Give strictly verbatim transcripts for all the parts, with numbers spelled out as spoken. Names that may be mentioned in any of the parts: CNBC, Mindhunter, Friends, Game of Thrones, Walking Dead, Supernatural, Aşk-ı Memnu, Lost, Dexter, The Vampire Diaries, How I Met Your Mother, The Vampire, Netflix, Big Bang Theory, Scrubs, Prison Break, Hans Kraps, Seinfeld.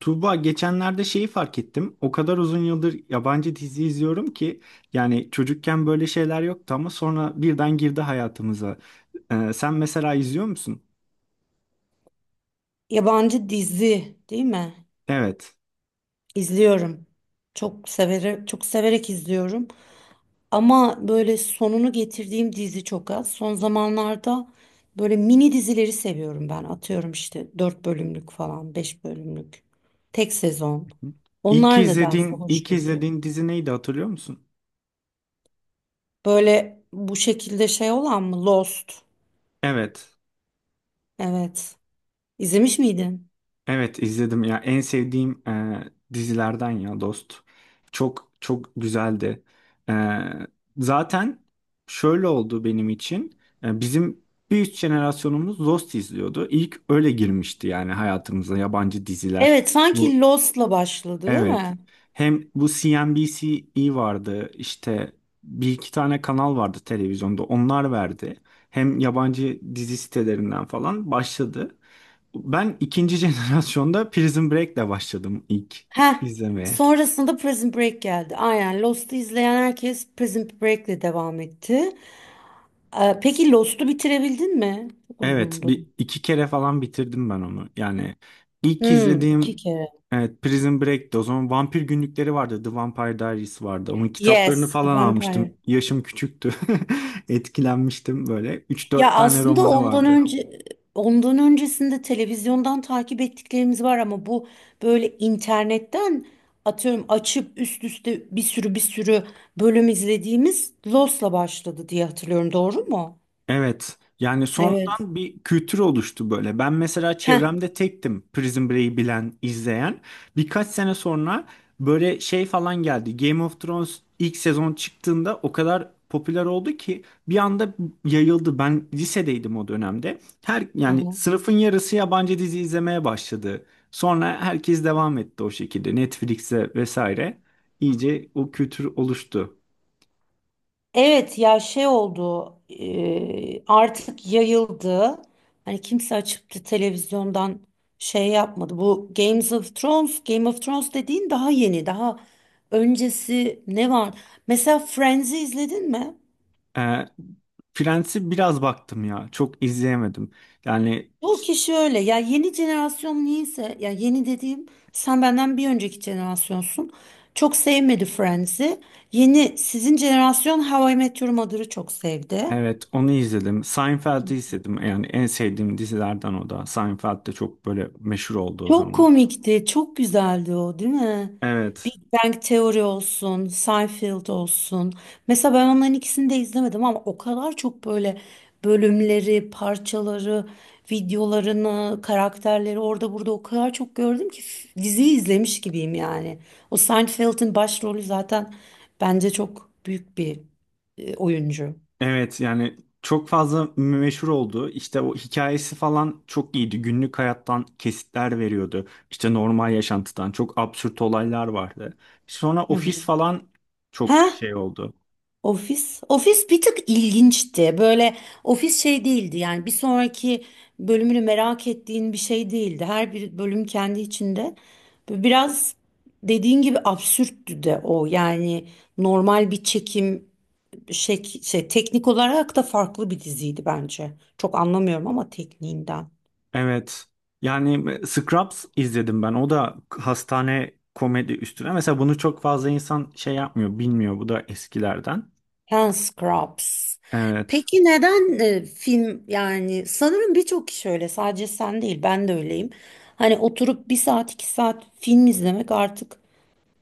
Tuğba, geçenlerde şeyi fark ettim. O kadar uzun yıldır yabancı dizi izliyorum ki yani çocukken böyle şeyler yoktu ama sonra birden girdi hayatımıza. Ee, sen mesela izliyor musun? Yabancı dizi değil mi? Evet. İzliyorum. Çok severek, çok severek izliyorum. Ama böyle sonunu getirdiğim dizi çok az. Son zamanlarda böyle mini dizileri seviyorum ben. Atıyorum işte dört bölümlük falan, beş bölümlük. Tek sezon. Hı hı. İlk Onlar nedense izlediğin, ilk hoşuma gidiyor. izlediğin dizi neydi, hatırlıyor musun? Böyle bu şekilde şey olan mı? Lost. Evet. Evet. İzlemiş miydin? Evet, izledim ya, en sevdiğim e, dizilerden ya, Dost. Çok çok güzeldi. E, Zaten şöyle oldu benim için. E, bizim bir üst jenerasyonumuz Dost izliyordu. İlk öyle girmişti yani hayatımıza yabancı diziler. Evet, Bu sanki Lost'la başladı, değil evet. mi? Hem bu C N B C vardı, işte bir iki tane kanal vardı televizyonda, onlar verdi. Hem yabancı dizi sitelerinden falan başladı. Ben ikinci jenerasyonda Prison Break'le başladım ilk Heh. izlemeye. Sonrasında Prison Break geldi. Aynen Lost'u izleyen herkes Prison Break'le devam etti. Ee, peki Lost'u bitirebildin mi? Çok Evet, uzundu. bir iki kere falan bitirdim ben onu. Yani ilk Hmm, izlediğim, iki kere. evet, Prison Break'ti. O zaman Vampir Günlükleri vardı. The Vampire Diaries vardı. Onun kitaplarını Yes, The falan Vampire. almıştım. Yaşım küçüktü. Etkilenmiştim böyle. Üç Ya dört tane aslında romanı ondan vardı. önce ondan öncesinde televizyondan takip ettiklerimiz var ama bu böyle internetten atıyorum açıp üst üste bir sürü bir sürü bölüm izlediğimiz Lost'la başladı diye hatırlıyorum. Doğru mu? Evet. Yani Evet. sonradan bir kültür oluştu böyle. Ben mesela Heh. çevremde tektim Prison Break'i bilen, izleyen. Birkaç sene sonra böyle şey falan geldi. Game of Thrones ilk sezon çıktığında o kadar popüler oldu ki bir anda yayıldı. Ben lisedeydim o dönemde. Her yani Aha. sınıfın yarısı yabancı dizi izlemeye başladı. Sonra herkes devam etti o şekilde Netflix'e vesaire. İyice o kültür oluştu. Evet ya şey oldu e, artık yayıldı. Hani kimse açıp da televizyondan şey yapmadı. Bu Games of Thrones, Game of Thrones dediğin daha yeni, daha öncesi ne var? Mesela Friends'i izledin mi? E, Friends'i biraz baktım ya. Çok izleyemedim. Yani Bu kişi öyle. Ya yeni jenerasyon niyeyse, ya yeni dediğim sen benden bir önceki jenerasyonsun. Çok sevmedi Friends'i. Yeni sizin jenerasyon How I Met Your Mother'ı çok sevdi. evet, onu izledim. Seinfeld'i izledim. Yani en sevdiğim dizilerden o da. Seinfeld de çok böyle meşhur oldu o Çok zaman. komikti, çok güzeldi o, değil mi? Big Evet. Bang Theory olsun, Seinfeld olsun. Mesela ben onların ikisini de izlemedim ama o kadar çok böyle bölümleri, parçaları, videolarını, karakterleri orada burada o kadar çok gördüm ki f- diziyi izlemiş gibiyim yani. O Seinfeld'in başrolü zaten bence çok büyük bir e, oyuncu. Evet yani çok fazla meşhur oldu. İşte o hikayesi falan çok iyiydi. Günlük hayattan kesitler veriyordu. İşte normal yaşantıdan çok absürt olaylar vardı. Sonra Hı hı. Ofis falan çok Ha? şey oldu. Ofis, ofis bir tık ilginçti. Böyle ofis şey değildi yani bir sonraki bölümünü merak ettiğin bir şey değildi. Her bir bölüm kendi içinde. Biraz dediğin gibi absürttü de o. Yani normal bir çekim şey, şey teknik olarak da farklı bir diziydi bence. Çok anlamıyorum ama tekniğinden. Evet. Yani Scrubs izledim ben. O da hastane komedi üstüne. Mesela bunu çok fazla insan şey yapmıyor, bilmiyor. Bu da eskilerden. Hans Kraps. Evet. Peki neden e, film yani sanırım birçok kişi öyle, sadece sen değil, ben de öyleyim. Hani oturup bir saat iki saat film izlemek artık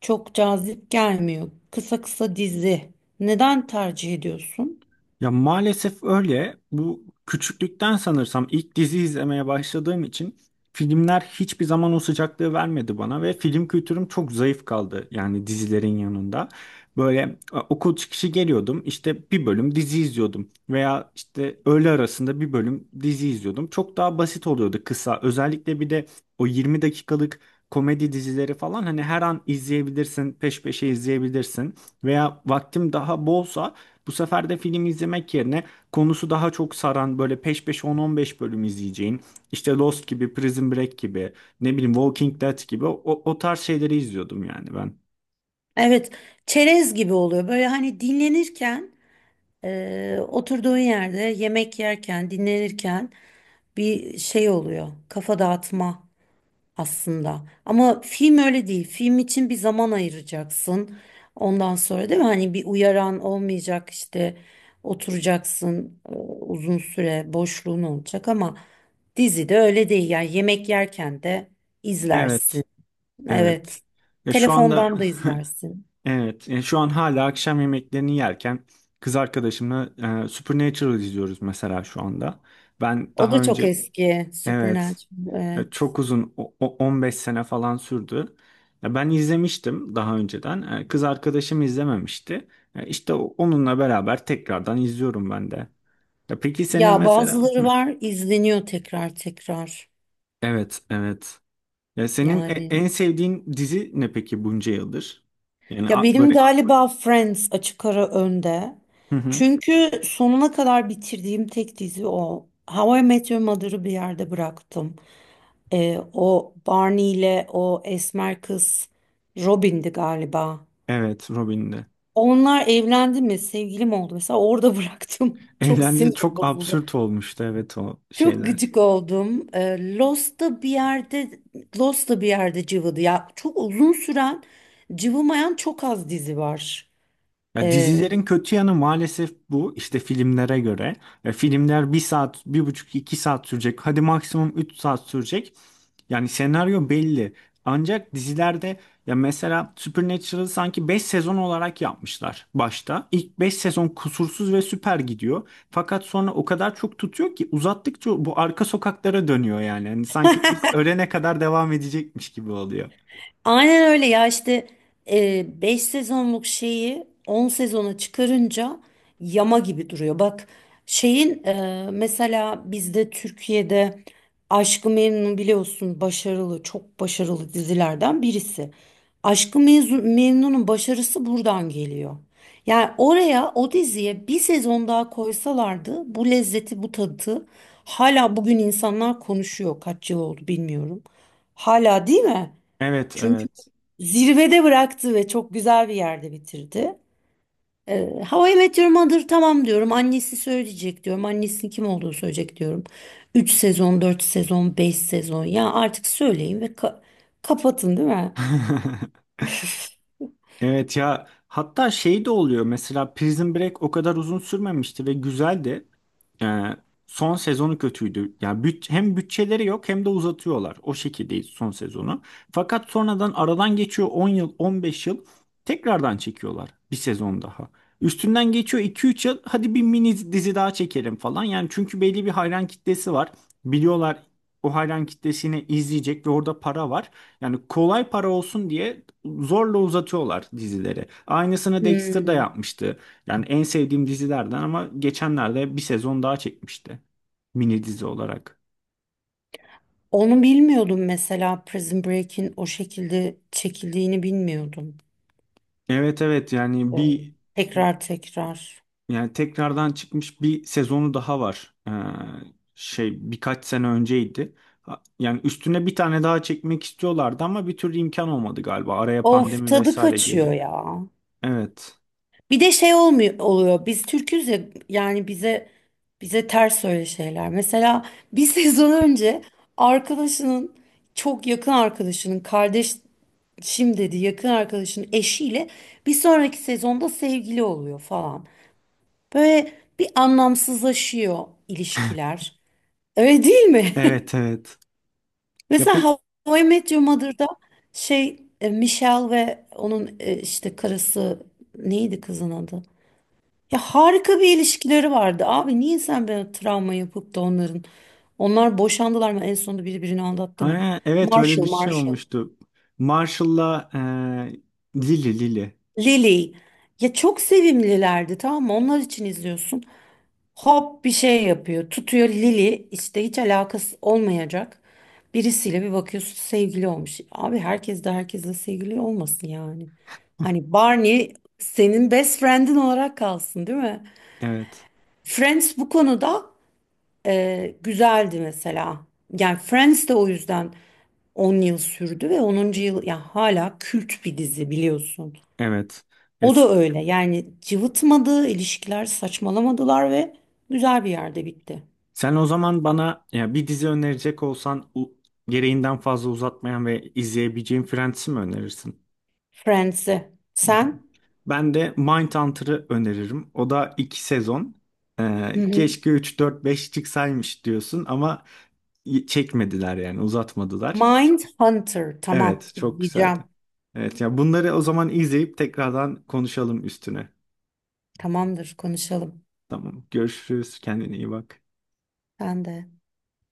çok cazip gelmiyor. Kısa kısa dizi. Neden tercih ediyorsun? Ya, maalesef öyle. Bu küçüklükten sanırsam ilk dizi izlemeye başladığım için filmler hiçbir zaman o sıcaklığı vermedi bana ve film kültürüm çok zayıf kaldı yani dizilerin yanında. Böyle e, okul çıkışı geliyordum, işte bir bölüm dizi izliyordum veya işte öğle arasında bir bölüm dizi izliyordum. Çok daha basit oluyordu, kısa. Özellikle bir de o yirmi dakikalık komedi dizileri falan, hani her an izleyebilirsin, peş peşe izleyebilirsin, veya vaktim daha bolsa bu sefer de film izlemek yerine konusu daha çok saran böyle peş peşe on on beş bölüm izleyeceğin, işte Lost gibi, Prison Break gibi, ne bileyim Walking Dead gibi o, o tarz şeyleri izliyordum yani ben. Evet, çerez gibi oluyor böyle hani dinlenirken e, oturduğun yerde yemek yerken dinlenirken bir şey oluyor, kafa dağıtma aslında. Ama film öyle değil. Film için bir zaman ayıracaksın. Ondan sonra değil mi? Hani bir uyaran olmayacak, işte oturacaksın e, uzun süre boşluğun olacak ama dizide öyle değil. Yani yemek yerken de Evet, izlersin. Evet. evet. Ya, şu anda Telefondan da izlersin. evet, ya şu an hala akşam yemeklerini yerken kız arkadaşımla e, Supernatural izliyoruz mesela şu anda. Ben O daha da çok önce, eski. evet. Supernatural. Ya, Evet. çok uzun, o- o- on beş sene falan sürdü. Ya, ben izlemiştim daha önceden. E, Kız arkadaşım izlememişti. E, İşte o- onunla beraber tekrardan izliyorum ben de. Ya peki senin Ya mesela, bazıları hı. var, izleniyor tekrar tekrar. Evet, evet. Ya, senin e- Yani. en sevdiğin dizi ne peki bunca yıldır? Yani Ya a- benim böyle, galiba Friends açık ara önde. hı hı. Çünkü sonuna kadar bitirdiğim tek dizi o. How I Met Your Mother'ı bir yerde bıraktım. Ee, o Barney ile o esmer kız Robin'di galiba. Evet, Robin'de. Onlar evlendi mi, sevgili mi oldu, mesela orada bıraktım. Çok Eğlendi, sinirim çok bozuldu. absürt olmuştu, evet, o Çok şeyler. gıcık oldum. Ee, Lost da bir yerde Lost da bir yerde cıvıdı. Ya çok uzun süren cıvımayan çok az dizi var. Ya, Ee, dizilerin kötü yanı maalesef bu, işte filmlere göre. Ya, filmler bir saat, bir buçuk, iki saat sürecek. Hadi maksimum üç saat sürecek. Yani senaryo belli. Ancak dizilerde, ya mesela Supernatural'ı sanki beş sezon olarak yapmışlar başta. İlk beş sezon kusursuz ve süper gidiyor. Fakat sonra o kadar çok tutuyor ki, uzattıkça bu arka sokaklara dönüyor yani. Hani sanki biz ölene kadar devam edecekmiş gibi oluyor. Aynen öyle ya, işte beş sezonluk şeyi on sezona çıkarınca yama gibi duruyor. Bak şeyin e, mesela bizde Türkiye'de Aşk-ı Memnu, biliyorsun, başarılı, çok başarılı dizilerden birisi. Aşk-ı Mezun- Memnu'nun başarısı buradan geliyor. Yani oraya, o diziye bir sezon daha koysalardı bu lezzeti, bu tadı hala bugün insanlar konuşuyor, kaç yıl oldu bilmiyorum. Hala, değil mi? Evet, Çünkü evet. zirvede bıraktı ve çok güzel bir yerde bitirdi. Ee, How I Met Your Mother tamam diyorum. Annesi söyleyecek diyorum. Annesinin kim olduğunu söyleyecek diyorum. Üç sezon, dört sezon, beş sezon. Ya artık söyleyin ve ka- kapatın, değil mi? Evet ya, hatta şey de oluyor mesela, Prison Break o kadar uzun sürmemişti ve güzeldi. Ee, Son sezonu kötüydü. Yani büt- hem bütçeleri yok hem de uzatıyorlar. O şekilde son sezonu. Fakat sonradan aradan geçiyor on yıl on beş yıl, tekrardan çekiyorlar bir sezon daha. Üstünden geçiyor iki üç yıl, hadi bir mini dizi daha çekelim falan. Yani çünkü belli bir hayran kitlesi var. Biliyorlar o hayran kitlesini izleyecek ve orada para var. Yani kolay para olsun diye zorla uzatıyorlar dizileri. Aynısını Dexter da Hmm. yapmıştı. Yani en sevdiğim dizilerden, ama geçenlerde bir sezon daha çekmişti. Mini dizi olarak. Onu bilmiyordum, mesela Prison Break'in o şekilde çekildiğini bilmiyordum. Evet, evet, yani Ee, bir, Tekrar tekrar. yani tekrardan çıkmış bir sezonu daha var. Ee, şey, birkaç sene önceydi. Ha- Yani üstüne bir tane daha çekmek istiyorlardı ama bir türlü imkan olmadı galiba. Araya Of, pandemi tadı vesaire kaçıyor girdi. ya. Evet. Bir de şey olmuyor oluyor. Biz Türküz ya, yani bize bize ters öyle şeyler. Mesela bir sezon önce arkadaşının çok yakın arkadaşının kardeş, şimdi dedi yakın arkadaşının eşiyle bir sonraki sezonda sevgili oluyor falan. Böyle bir anlamsızlaşıyor ilişkiler. Öyle değil mi? Evet, evet. Ya Mesela peki How I Met Your Mother'da şey e, Michelle ve onun e, işte karısı, neydi kızın adı? Ya harika bir ilişkileri vardı. Abi niye sen böyle travma yapıp da onların? Onlar boşandılar mı? En sonunda biri birini aldattı mı? Ha, evet, öyle bir Marshall, şey Marshall. olmuştu. Marshall'la e, Lily Lily. Lily. Ya çok sevimlilerdi, tamam mı? Onlar için izliyorsun. Hop bir şey yapıyor. Tutuyor Lily işte hiç alakası olmayacak birisiyle, bir bakıyorsun sevgili olmuş. Abi herkes de herkesle sevgili olmasın yani. Hani Barney senin best friend'in olarak kalsın, değil mi? Evet. Friends bu konuda Ee, güzeldi mesela. Yani Friends de o yüzden on yıl sürdü ve onuncu yıl ya hala kült bir dizi biliyorsun. Evet. Ya, O s- da öyle. Yani cıvıtmadı, ilişkiler saçmalamadılar ve güzel bir yerde bitti. sen o zaman bana, ya, bir dizi önerecek olsan, u- gereğinden fazla uzatmayan ve izleyebileceğim, Friends'i mi önerirsin? Friends'i. Hı hı. Sen? Ben de Mindhunter'ı öneririm. O da iki sezon. Hı Ee, hı. Keşke üç, dört, beş çıksaymış diyorsun ama y- çekmediler yani, uzatmadılar. Mindhunter. Tamam, Evet, çok güzeldi. izleyeceğim. Evet ya, bunları o zaman izleyip tekrardan konuşalım üstüne. Tamamdır, konuşalım. Tamam. Görüşürüz. Kendine iyi bak. Ben de.